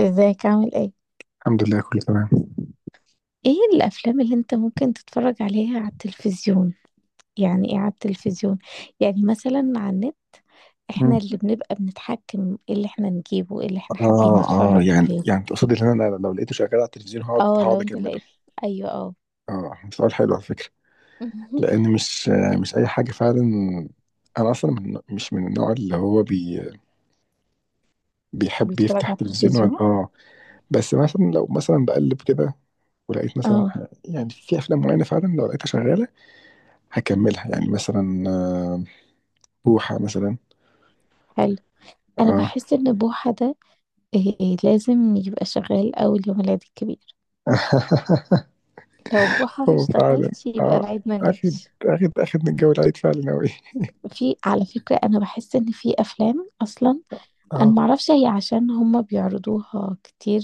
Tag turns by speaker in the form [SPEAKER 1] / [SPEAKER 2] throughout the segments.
[SPEAKER 1] ازيك، عامل ايه؟
[SPEAKER 2] الحمد لله، كله تمام.
[SPEAKER 1] ايه الافلام اللي انت ممكن تتفرج عليها على التلفزيون؟ يعني ايه على التلفزيون؟ يعني مثلا على النت. احنا اللي
[SPEAKER 2] مم.
[SPEAKER 1] بنبقى بنتحكم، ايه اللي احنا نجيبه، ايه اللي احنا حابين
[SPEAKER 2] اه، اه،
[SPEAKER 1] نتفرج
[SPEAKER 2] يعني
[SPEAKER 1] عليه.
[SPEAKER 2] يعني تقصد ان انا لو لقيته شغال على التلفزيون هقعد
[SPEAKER 1] اه،
[SPEAKER 2] هقعد
[SPEAKER 1] لو انت
[SPEAKER 2] اكمله.
[SPEAKER 1] لقيت. ايوه، اه.
[SPEAKER 2] اه، سؤال حلو على فكره. لان مش اي حاجه فعلا. انا اصلا من مش من النوع اللي هو بيحب
[SPEAKER 1] بيتفرج
[SPEAKER 2] يفتح
[SPEAKER 1] على
[SPEAKER 2] تلفزيون ويقعد.
[SPEAKER 1] التلفزيون.
[SPEAKER 2] اه، بس مثلا لو مثلا بقلب كده، ولقيت مثلا
[SPEAKER 1] اه.
[SPEAKER 2] يعني في افلام معينه فعلا لو لقيتها شغاله هكملها. يعني مثلا بوحه مثلا.
[SPEAKER 1] حلو. انا
[SPEAKER 2] اه.
[SPEAKER 1] بحس ان بوحة ده، إيه لازم يبقى شغال اول يوم العيد الكبير. لو بوحة ما
[SPEAKER 2] هو فعلا،
[SPEAKER 1] اشتغلش، يبقى
[SPEAKER 2] اه،
[SPEAKER 1] العيد ما
[SPEAKER 2] اخد
[SPEAKER 1] جاش.
[SPEAKER 2] اخد من الجو العيد فعلا اوي.
[SPEAKER 1] في، على فكرة، انا بحس ان في افلام اصلا، انا
[SPEAKER 2] اه،
[SPEAKER 1] معرفش هي عشان هما بيعرضوها كتير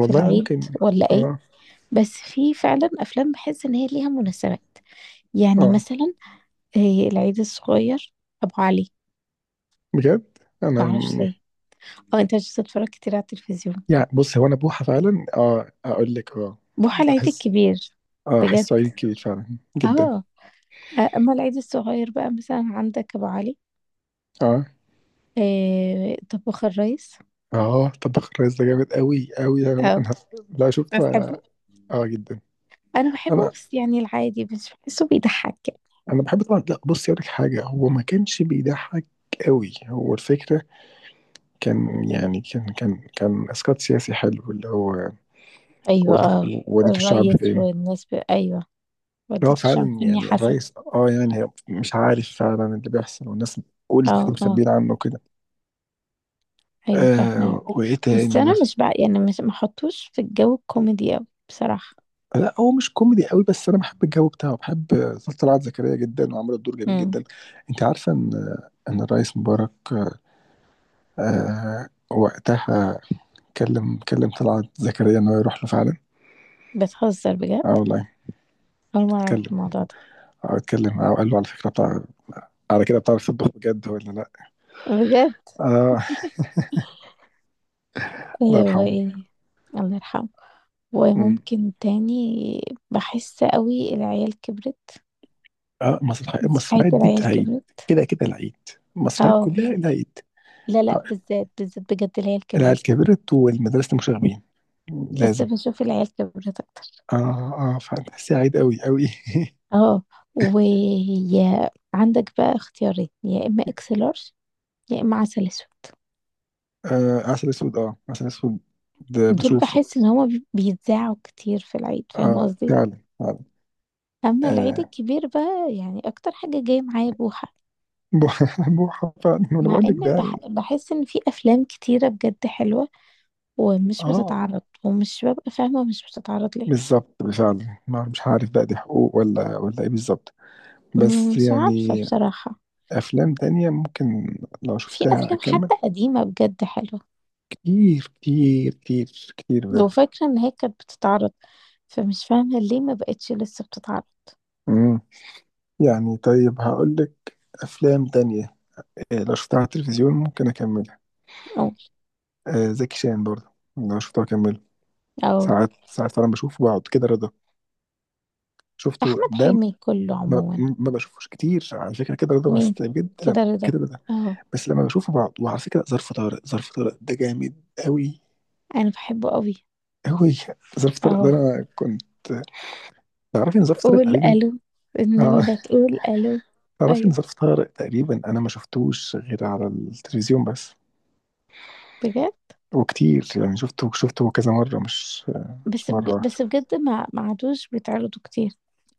[SPEAKER 1] في العيد،
[SPEAKER 2] ممكن.
[SPEAKER 1] ولا ايه؟
[SPEAKER 2] اه،
[SPEAKER 1] بس في فعلا افلام بحس ان هي ليها مناسبات. يعني
[SPEAKER 2] اه،
[SPEAKER 1] مثلا، العيد الصغير، ابو علي.
[SPEAKER 2] بجد. انا
[SPEAKER 1] معرفش
[SPEAKER 2] م-
[SPEAKER 1] ليه. اه، انت مش بتتفرج كتير على التلفزيون؟
[SPEAKER 2] يعني، بص، هو انا بوحة فعلا. اه، اقول لك، اه،
[SPEAKER 1] بوحة العيد
[SPEAKER 2] احس
[SPEAKER 1] الكبير.
[SPEAKER 2] اه احس
[SPEAKER 1] بجد.
[SPEAKER 2] صعيدي كبير فعلا جدا.
[SPEAKER 1] اه. اما العيد الصغير بقى مثلا عندك ابو علي.
[SPEAKER 2] اه،
[SPEAKER 1] طباخ الريس.
[SPEAKER 2] اه، طباخ الريس ده جامد قوي قوي. انا
[SPEAKER 1] اه،
[SPEAKER 2] أنا لا
[SPEAKER 1] بس
[SPEAKER 2] شفته، اه.
[SPEAKER 1] بحبه.
[SPEAKER 2] آه، جدا.
[SPEAKER 1] انا بحبه،
[SPEAKER 2] انا
[SPEAKER 1] بس يعني العادي، بس بحسه بيضحك.
[SPEAKER 2] انا بحب طبعا. لا بص، اقول لك حاجه، هو ما كانش بيضحك قوي. هو الفكره كان يعني كان كان كان اسقاط سياسي حلو، اللي هو
[SPEAKER 1] ايوه،
[SPEAKER 2] وديته
[SPEAKER 1] اه.
[SPEAKER 2] وديته الشعب
[SPEAKER 1] الريس
[SPEAKER 2] فين.
[SPEAKER 1] والناس ايوه.
[SPEAKER 2] هو
[SPEAKER 1] والدته
[SPEAKER 2] فعلا،
[SPEAKER 1] عارفيني
[SPEAKER 2] يعني
[SPEAKER 1] حسن.
[SPEAKER 2] الرئيس، اه، يعني هي مش عارف فعلا اللي بيحصل، والناس بتقول
[SPEAKER 1] اه،
[SPEAKER 2] كتير
[SPEAKER 1] اه.
[SPEAKER 2] مخبيين عنه كده.
[SPEAKER 1] ايوه،
[SPEAKER 2] آه،
[SPEAKER 1] فاهمك.
[SPEAKER 2] وايه
[SPEAKER 1] بس
[SPEAKER 2] تاني
[SPEAKER 1] انا
[SPEAKER 2] مثلا؟
[SPEAKER 1] مش بقى، يعني مش محطوش في الجو الكوميدي اوي بصراحه.
[SPEAKER 2] لا هو مش كوميدي قوي، بس انا بحب الجو بتاعه. بحب طلعت زكريا جدا، وعملت دور جميل
[SPEAKER 1] امم.
[SPEAKER 2] جدا. انت عارفه ان الرئيس مبارك، آه، وقتها، كلم طلعت زكريا ان هو يروح له فعلا.
[SPEAKER 1] بتهزر بجد؟
[SPEAKER 2] اه والله.
[SPEAKER 1] اول مره اعرف
[SPEAKER 2] اتكلم
[SPEAKER 1] الموضوع ده.
[SPEAKER 2] اه اتكلم اه، قال له على فكره بتاع، على كده بتعرف تطبخ بجد ولا لا؟
[SPEAKER 1] بجد؟
[SPEAKER 2] اه، الله
[SPEAKER 1] ايوه،
[SPEAKER 2] يرحمه.
[SPEAKER 1] ايه؟ الله يرحمه.
[SPEAKER 2] مم.
[SPEAKER 1] وممكن تاني. بحس قوي العيال كبرت.
[SPEAKER 2] اه،
[SPEAKER 1] مسرحيه
[SPEAKER 2] المسرحيات دي
[SPEAKER 1] العيال
[SPEAKER 2] بتاع عيد.
[SPEAKER 1] كبرت.
[SPEAKER 2] كده كده العيد، المسرحيات
[SPEAKER 1] اه.
[SPEAKER 2] كلها العيد.
[SPEAKER 1] لا لا،
[SPEAKER 2] آه،
[SPEAKER 1] بالذات بالذات، بجد العيال كبرت.
[SPEAKER 2] العيال كبرت والمدرسة المشاغبين،
[SPEAKER 1] بس
[SPEAKER 2] لازم.
[SPEAKER 1] بشوف العيال كبرت اكتر.
[SPEAKER 2] اه، اه فعلا، تحسيها عيد قوي قوي.
[SPEAKER 1] اه. وعندك بقى اختيارين، يا اما اكس لارج، يا اما عسل اسود.
[SPEAKER 2] آه، عسل اسود، اه، عسل اسود، ده
[SPEAKER 1] دول
[SPEAKER 2] بشوفه.
[SPEAKER 1] بحس ان هما بيتذاعوا كتير في العيد، فاهم
[SPEAKER 2] اه،
[SPEAKER 1] قصدي؟
[SPEAKER 2] فعلا فعلا.
[SPEAKER 1] اما العيد
[SPEAKER 2] آه،
[SPEAKER 1] الكبير بقى يعني اكتر حاجه جايه معايا بوحه.
[SPEAKER 2] بوحة، بوحة فعلا، ما انا
[SPEAKER 1] مع
[SPEAKER 2] بقول لك ده
[SPEAKER 1] ان
[SPEAKER 2] يعني.
[SPEAKER 1] بحس ان في افلام كتيره بجد حلوه، ومش
[SPEAKER 2] اه،
[SPEAKER 1] بتتعرض، ومش ببقى فاهمه مش بتتعرض ليه.
[SPEAKER 2] بالظبط فعلا. ما مش عارف بقى، دي حقوق ولا ايه بالظبط. بس
[SPEAKER 1] مش عارفه
[SPEAKER 2] يعني
[SPEAKER 1] بصراحه.
[SPEAKER 2] افلام تانية ممكن لو
[SPEAKER 1] في
[SPEAKER 2] شفتها
[SPEAKER 1] افلام
[SPEAKER 2] اكمل.
[SPEAKER 1] حتى قديمه بجد حلوه،
[SPEAKER 2] كتير كتير كتير كتير
[SPEAKER 1] لو
[SPEAKER 2] بجد.
[SPEAKER 1] فاكره ان هي كانت بتتعرض، فمش فاهمه ليه ما بقتش لسه بتتعرض.
[SPEAKER 2] مم. يعني طيب، هقول لك، افلام تانية لو شفتها على التلفزيون ممكن اكملها.
[SPEAKER 1] او.
[SPEAKER 2] زكي شان برضه لو شفته اكمله.
[SPEAKER 1] او.
[SPEAKER 2] ساعات ساعات فعلا بشوفه بقعد. كده رضا شفته،
[SPEAKER 1] احمد
[SPEAKER 2] ده
[SPEAKER 1] حلمي كله
[SPEAKER 2] ما,
[SPEAKER 1] عموما.
[SPEAKER 2] ما بشوفوش كتير على فكره. كده رضا، بس
[SPEAKER 1] مين؟
[SPEAKER 2] بجد لما،
[SPEAKER 1] كده رضا؟
[SPEAKER 2] كده رضا
[SPEAKER 1] اه.
[SPEAKER 2] بس لما بشوفه بقعد. وعلى فكره ظرف طارق، ظرف طارق ده جامد قوي
[SPEAKER 1] انا بحبه قوي.
[SPEAKER 2] قوي. ظرف طارق ده
[SPEAKER 1] اه،
[SPEAKER 2] انا كنت، تعرفي ان ظرف طارق
[SPEAKER 1] قول
[SPEAKER 2] تقريبا،
[SPEAKER 1] الو. النبي، لا تقول الو!
[SPEAKER 2] تعرفي إن
[SPEAKER 1] ايوه.
[SPEAKER 2] ظرف طارق تقريبا أنا ما شفتوش غير على التلفزيون بس.
[SPEAKER 1] بجد.
[SPEAKER 2] وكتير يعني، شفته كذا مرة، مش
[SPEAKER 1] بس
[SPEAKER 2] مرة واحدة.
[SPEAKER 1] بس بجد ما عادوش بيتعرضوا كتير.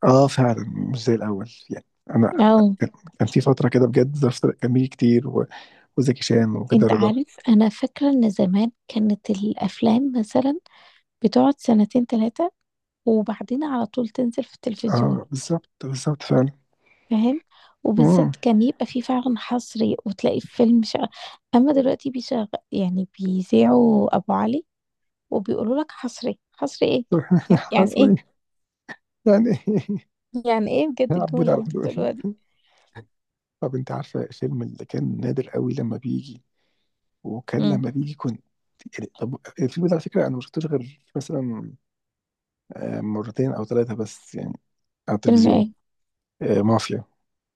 [SPEAKER 2] آه فعلا، مش زي الأول. يعني أنا
[SPEAKER 1] اه.
[SPEAKER 2] كان كان في فترة كده، بجد ظرف طارق كان بيجي كتير، و... وزكي شان وكده
[SPEAKER 1] انت
[SPEAKER 2] رضا.
[SPEAKER 1] عارف، انا فاكره ان زمان كانت الافلام مثلا بتقعد سنتين ثلاثه، وبعدين على طول تنزل في التلفزيون.
[SPEAKER 2] آه بالظبط بالظبط فعلا.
[SPEAKER 1] فاهم؟
[SPEAKER 2] مم.
[SPEAKER 1] وبالذات كان يبقى في فعلا حصري، وتلاقي فيلم. اما دلوقتي بيشغل يعني بيذيعوا ابو علي، وبيقولوا لك حصري، حصري ايه؟ يعني
[SPEAKER 2] حصل
[SPEAKER 1] ايه؟
[SPEAKER 2] إيه؟ يعني، إيه؟
[SPEAKER 1] يعني ايه بجد
[SPEAKER 2] يا عبود
[SPEAKER 1] الجملة
[SPEAKER 2] على
[SPEAKER 1] اللي انت بتقولوها دي؟
[SPEAKER 2] الحدود. طب أنت عارفة الفيلم اللي كان نادر قوي لما بيجي، وكان
[SPEAKER 1] امم.
[SPEAKER 2] لما بيجي كنت، يعني طب، الفيلم ده على فكرة أنا ما شفتوش غير مثلا مرتين او ثلاثه بس، يعني على
[SPEAKER 1] فيلم
[SPEAKER 2] التلفزيون.
[SPEAKER 1] ايه؟
[SPEAKER 2] مافيا.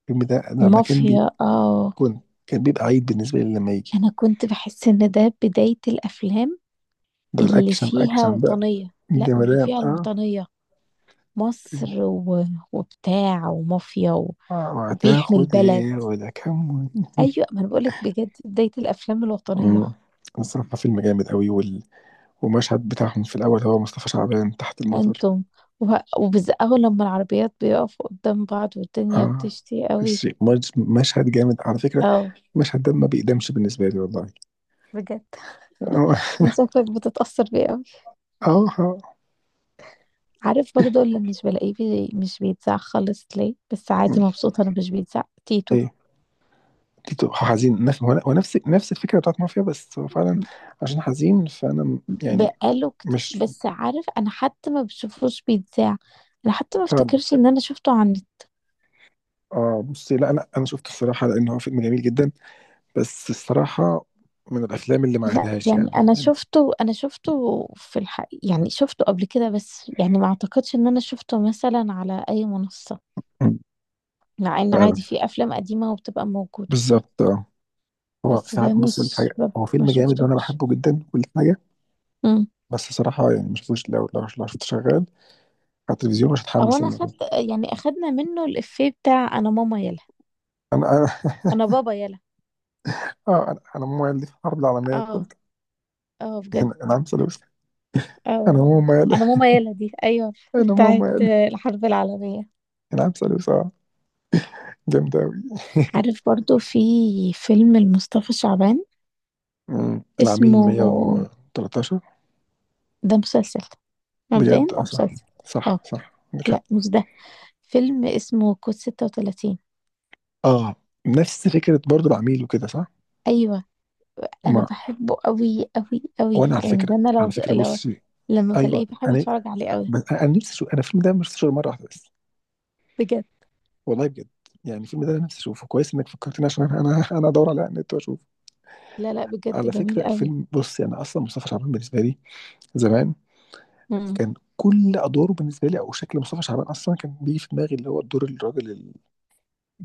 [SPEAKER 2] الفيلم ده أنا لما كان
[SPEAKER 1] مافيا. اه،
[SPEAKER 2] كنت، كان بيبقى عيد بالنسبه لي لما يجي.
[SPEAKER 1] انا كنت بحس ان ده بداية الافلام
[SPEAKER 2] ده
[SPEAKER 1] اللي
[SPEAKER 2] الاكشن،
[SPEAKER 1] فيها
[SPEAKER 2] اكشن بقى،
[SPEAKER 1] وطنية، لا، واللي
[SPEAKER 2] جمدان.
[SPEAKER 1] فيها
[SPEAKER 2] اه،
[SPEAKER 1] الوطنية، مصر. وبتاع ومافيا،
[SPEAKER 2] اه،
[SPEAKER 1] وبيحمي
[SPEAKER 2] هتاخد
[SPEAKER 1] البلد.
[SPEAKER 2] ايه ولا كم.
[SPEAKER 1] ايوه، ما انا بقولك بجد بداية الافلام الوطنية.
[SPEAKER 2] مم. الصراحه فيلم جامد قوي، وال... والمشهد بتاعهم في الاول، هو مصطفى شعبان تحت المطر.
[SPEAKER 1] انتم و... اول لما العربيات بيقفوا قدام بعض والدنيا
[SPEAKER 2] اه،
[SPEAKER 1] بتشتي قوي.
[SPEAKER 2] مشهد جامد على فكره.
[SPEAKER 1] اه،
[SPEAKER 2] المشهد ده ما بيقدمش بالنسبه لي والله.
[SPEAKER 1] بجد.
[SPEAKER 2] اه،
[SPEAKER 1] انت شكلك بتتأثر بيه قوي.
[SPEAKER 2] اه، آه.
[SPEAKER 1] عارف برضو اللي مش بلاقيه مش بيتذاع خالص ليه، بس
[SPEAKER 2] مم.
[SPEAKER 1] عادي مبسوطة انه مش بيتذاع تيتو.
[SPEAKER 2] ايه تيتو؟ حزين. نفس، هو نفس الفكره بتاعت مافيا، بس هو فعلا عشان حزين فانا يعني
[SPEAKER 1] بقاله كتير،
[SPEAKER 2] مش
[SPEAKER 1] بس عارف، انا حتى ما بشوفوش بيتذاع. انا حتى ما
[SPEAKER 2] فعلا.
[SPEAKER 1] افتكرش ان انا شفته عن.
[SPEAKER 2] اه بصي، لا لا، انا شفته الصراحه لان هو فيلم جميل جدا، بس الصراحه من الافلام اللي ما
[SPEAKER 1] لا،
[SPEAKER 2] عادهاش
[SPEAKER 1] يعني
[SPEAKER 2] يعني،
[SPEAKER 1] انا شفته انا شفته في الحق، يعني شفته قبل كده، بس يعني ما اعتقدش ان انا شفته مثلا على اي منصة.
[SPEAKER 2] مم.
[SPEAKER 1] مع ان
[SPEAKER 2] فعلا،
[SPEAKER 1] عادي في افلام قديمة وبتبقى موجودة.
[SPEAKER 2] بالظبط. اه، هو
[SPEAKER 1] بس
[SPEAKER 2] ساعات،
[SPEAKER 1] ده
[SPEAKER 2] بص لك
[SPEAKER 1] مش
[SPEAKER 2] حاجه، هو
[SPEAKER 1] ببقى ما
[SPEAKER 2] فيلم جامد وانا
[SPEAKER 1] شفتوش.
[SPEAKER 2] بحبه جدا كل حاجه.
[SPEAKER 1] مم.
[SPEAKER 2] بس صراحه يعني ما شفتوش. لو شفته شغال على التلفزيون مش
[SPEAKER 1] او،
[SPEAKER 2] هتحمس
[SPEAKER 1] انا
[SPEAKER 2] ان
[SPEAKER 1] اخدت،
[SPEAKER 2] أنا-
[SPEAKER 1] يعني اخدنا منه الافيه بتاع انا ماما يلا،
[SPEAKER 2] انا، انا،
[SPEAKER 1] انا بابا يلا.
[SPEAKER 2] اه، انا ماما قال لي في الحرب العالميه
[SPEAKER 1] اه،
[SPEAKER 2] الثالثه.
[SPEAKER 1] اه، بجد،
[SPEAKER 2] أنا عم سلوش. انا
[SPEAKER 1] اه.
[SPEAKER 2] ماما قال،
[SPEAKER 1] انا ماما يلا دي، ايوه،
[SPEAKER 2] انا
[SPEAKER 1] بتاعت
[SPEAKER 2] ماما،
[SPEAKER 1] الحرب العالمية.
[SPEAKER 2] العام ثالث. اه، جامد أوي.
[SPEAKER 1] عارف برضو، في فيلم لمصطفى شعبان
[SPEAKER 2] العميل
[SPEAKER 1] اسمه،
[SPEAKER 2] 113.
[SPEAKER 1] ده مسلسل، مبدئيا
[SPEAKER 2] بجد؟ اه،
[SPEAKER 1] ده
[SPEAKER 2] صح
[SPEAKER 1] مسلسل.
[SPEAKER 2] صح
[SPEAKER 1] اه،
[SPEAKER 2] صح، عندك حق.
[SPEAKER 1] لا، مش ده. فيلم اسمه كود 36.
[SPEAKER 2] اه، نفس فكرة برضو العميل وكده، صح؟
[SPEAKER 1] ايوه. انا
[SPEAKER 2] ما،
[SPEAKER 1] بحبه قوي قوي قوي،
[SPEAKER 2] وانا على
[SPEAKER 1] يعني
[SPEAKER 2] فكرة،
[SPEAKER 1] ده انا لو لو
[SPEAKER 2] بصي،
[SPEAKER 1] لما بلاقيه
[SPEAKER 2] ايوه.
[SPEAKER 1] بحب
[SPEAKER 2] انا
[SPEAKER 1] اتفرج عليه قوي.
[SPEAKER 2] انا نفسي اشوف، انا الفيلم ده مش اشوفه مرة واحدة بس.
[SPEAKER 1] بجد.
[SPEAKER 2] والله بجد. يعني الفيلم ده انا نفسي اشوفه كويس انك فكرتني، عشان انا، ادور على النت واشوفه.
[SPEAKER 1] لا لا، بجد
[SPEAKER 2] على
[SPEAKER 1] جميل
[SPEAKER 2] فكرة
[SPEAKER 1] قوي.
[SPEAKER 2] الفيلم، بصي انا اصلا مصطفى شعبان بالنسبة لي زمان، كان كل ادواره بالنسبة لي، او شكل مصطفى شعبان اصلا كان بيجي في دماغي اللي هو الدور، الراجل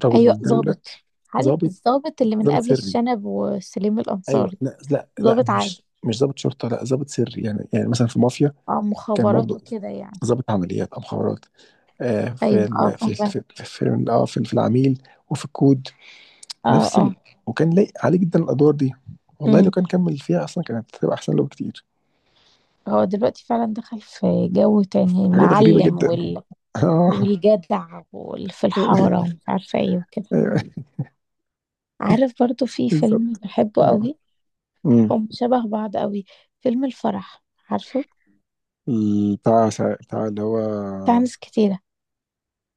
[SPEAKER 2] او
[SPEAKER 1] ايوه،
[SPEAKER 2] الدوله،
[SPEAKER 1] ظابط. عارف
[SPEAKER 2] ضابط
[SPEAKER 1] الظابط اللي من
[SPEAKER 2] ضابط
[SPEAKER 1] قبل
[SPEAKER 2] سري.
[SPEAKER 1] الشنب وسليم
[SPEAKER 2] ايوه،
[SPEAKER 1] الانصاري،
[SPEAKER 2] لا لا لا،
[SPEAKER 1] ظابط عادي.
[SPEAKER 2] مش ضابط شرطه، لا ضابط سري، يعني يعني مثلا في مافيا
[SPEAKER 1] اه،
[SPEAKER 2] كان
[SPEAKER 1] مخابرات
[SPEAKER 2] برضه
[SPEAKER 1] وكده يعني.
[SPEAKER 2] ضابط عمليات او مخابرات. آه
[SPEAKER 1] ايوه، اه، فاهمه.
[SPEAKER 2] في العميل وفي الكود،
[SPEAKER 1] اه،
[SPEAKER 2] نفس ال.
[SPEAKER 1] اه.
[SPEAKER 2] وكان لايق عليه جدا الادوار دي. والله لو
[SPEAKER 1] امم.
[SPEAKER 2] كان كمل فيها اصلا كانت هتبقى احسن له بكتير.
[SPEAKER 1] هو دلوقتي فعلا دخل في جو تاني
[SPEAKER 2] حاجات غريبه
[SPEAKER 1] معلم
[SPEAKER 2] جدا.
[SPEAKER 1] وال...
[SPEAKER 2] اه،
[SPEAKER 1] والجدع واللي في الحارة ومش عارفة ايه وكده.
[SPEAKER 2] ايوه
[SPEAKER 1] عارف برضو في فيلم
[SPEAKER 2] بالظبط.
[SPEAKER 1] بحبه
[SPEAKER 2] أمم.
[SPEAKER 1] قوي.
[SPEAKER 2] أمم.
[SPEAKER 1] هم شبه بعض قوي. فيلم الفرح. عارفه؟
[SPEAKER 2] بتاع بتاع اللي هو،
[SPEAKER 1] بتاع ناس كتيرة.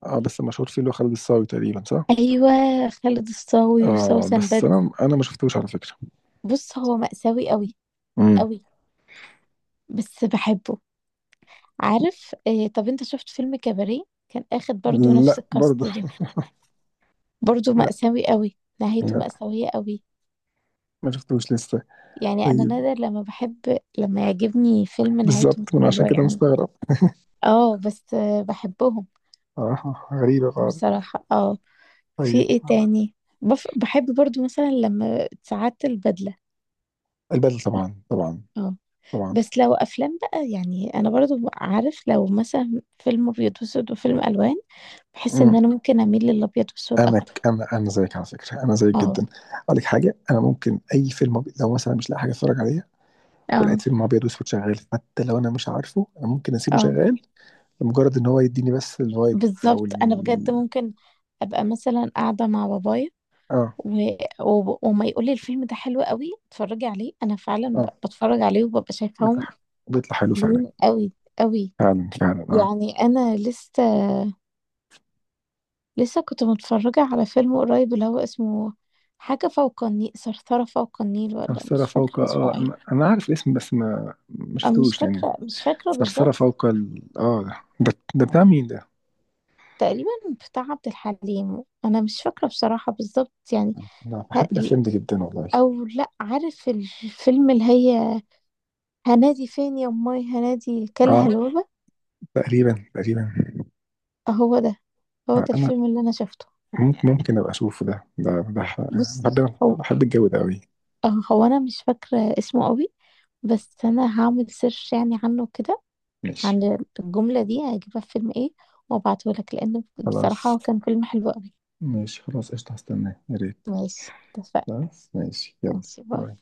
[SPEAKER 2] اه بس مشهور فيه اللي هو خالد الصاوي تقريبا، صح؟
[SPEAKER 1] ايوه، خالد الصاوي
[SPEAKER 2] اه
[SPEAKER 1] وسوسن
[SPEAKER 2] بس
[SPEAKER 1] بدر.
[SPEAKER 2] انا ما شفتوش على فكرة.
[SPEAKER 1] بص، هو مأساوي قوي،
[SPEAKER 2] امم.
[SPEAKER 1] قوي، بس بحبه. عارف، طب انت شفت فيلم كباريه؟ كان اخد برضو نفس
[SPEAKER 2] لا برضه،
[SPEAKER 1] الكاست ده. برضو
[SPEAKER 2] لا
[SPEAKER 1] مأساوي قوي، نهايته
[SPEAKER 2] لا،
[SPEAKER 1] مأساوية قوي.
[SPEAKER 2] ما شفتوش لسه.
[SPEAKER 1] يعني انا
[SPEAKER 2] طيب
[SPEAKER 1] نادر لما بحب، لما يعجبني فيلم نهايته
[SPEAKER 2] بالظبط،
[SPEAKER 1] مش
[SPEAKER 2] من عشان
[SPEAKER 1] حلوة
[SPEAKER 2] كده
[SPEAKER 1] يعني.
[SPEAKER 2] مستغرب.
[SPEAKER 1] اه، بس بحبهم
[SPEAKER 2] آه، غريبة بعض.
[SPEAKER 1] بصراحة، اه. في
[SPEAKER 2] طيب
[SPEAKER 1] ايه تاني؟ بحب برضو مثلا لما ساعات البدلة.
[SPEAKER 2] البدل، طبعا طبعا
[SPEAKER 1] اه.
[SPEAKER 2] طبعا.
[SPEAKER 1] بس لو افلام بقى، يعني انا برضو عارف، لو مثلا فيلم ابيض واسود وفيلم الوان، بحس ان
[SPEAKER 2] امم،
[SPEAKER 1] انا ممكن اميل للابيض واسود اكتر.
[SPEAKER 2] انا زيك على فكرة، انا زيك
[SPEAKER 1] اه،
[SPEAKER 2] جدا. اقول لك حاجة، انا ممكن اي فيلم لو مثلا مش لاقي حاجة اتفرج عليها، ولقيت
[SPEAKER 1] اه،
[SPEAKER 2] فيلم ابيض واسود شغال، حتى لو انا مش عارفه، انا ممكن اسيبه
[SPEAKER 1] اه.
[SPEAKER 2] شغال لمجرد ان هو يديني بس الفايب او
[SPEAKER 1] بالظبط، انا بجد ممكن ابقى مثلا قاعده مع بابايا
[SPEAKER 2] اه،
[SPEAKER 1] و... وما يقول لي الفيلم ده حلو قوي اتفرجي عليه، انا فعلا
[SPEAKER 2] اه،
[SPEAKER 1] بتفرج عليه وببقى شايفاهم
[SPEAKER 2] بيطلع بيطلع حلو فعلا.
[SPEAKER 1] حلوين قوي، قوي.
[SPEAKER 2] فعلا فعلا. اه،
[SPEAKER 1] يعني انا لسه، لسه كنت متفرجه على فيلم قريب اللي هو اسمه حاجه فوق النيل، ثرثره فوق النيل، ولا
[SPEAKER 2] ثرثرة
[SPEAKER 1] مش
[SPEAKER 2] فوق،
[SPEAKER 1] فاكره
[SPEAKER 2] اه،
[SPEAKER 1] اسمه ايه.
[SPEAKER 2] أنا عارف الاسم بس ما
[SPEAKER 1] أنا مش
[SPEAKER 2] شفتوش يعني.
[SPEAKER 1] فاكره مش فاكره
[SPEAKER 2] ثرثرة
[SPEAKER 1] بالظبط.
[SPEAKER 2] فوق اه، ده بتاع مين ده؟
[SPEAKER 1] تقريبا بتاع عبد الحليم، انا مش فاكره بصراحه بالظبط يعني.
[SPEAKER 2] انا
[SPEAKER 1] ه-
[SPEAKER 2] بحب
[SPEAKER 1] ال-
[SPEAKER 2] الافلام دي جدا والله.
[SPEAKER 1] او، لا، عارف الفيلم اللي هي هنادي فين يا امي، هنادي كلها
[SPEAKER 2] اه،
[SPEAKER 1] الوبا؟
[SPEAKER 2] تقريبا تقريبا.
[SPEAKER 1] هو ده. هو
[SPEAKER 2] آه،
[SPEAKER 1] ده
[SPEAKER 2] انا
[SPEAKER 1] الفيلم اللي انا شفته.
[SPEAKER 2] ممكن ابقى اشوفه. ده
[SPEAKER 1] بص،
[SPEAKER 2] بحب،
[SPEAKER 1] هو
[SPEAKER 2] الجو ده قوي.
[SPEAKER 1] هو انا مش فاكره اسمه قوي، بس انا هعمل سيرش يعني عنه كده،
[SPEAKER 2] ماشي
[SPEAKER 1] عن الجمله دي هجيبها في فيلم ايه، وابعته لك، لان بصراحه
[SPEAKER 2] خلاص،
[SPEAKER 1] هو كان فيلم حلو قوي.
[SPEAKER 2] قشطة، هستناه يا ريت.
[SPEAKER 1] ماشي، اتفقنا.
[SPEAKER 2] خلاص ماشي، يلا،
[SPEAKER 1] ماشي، باي.
[SPEAKER 2] باي.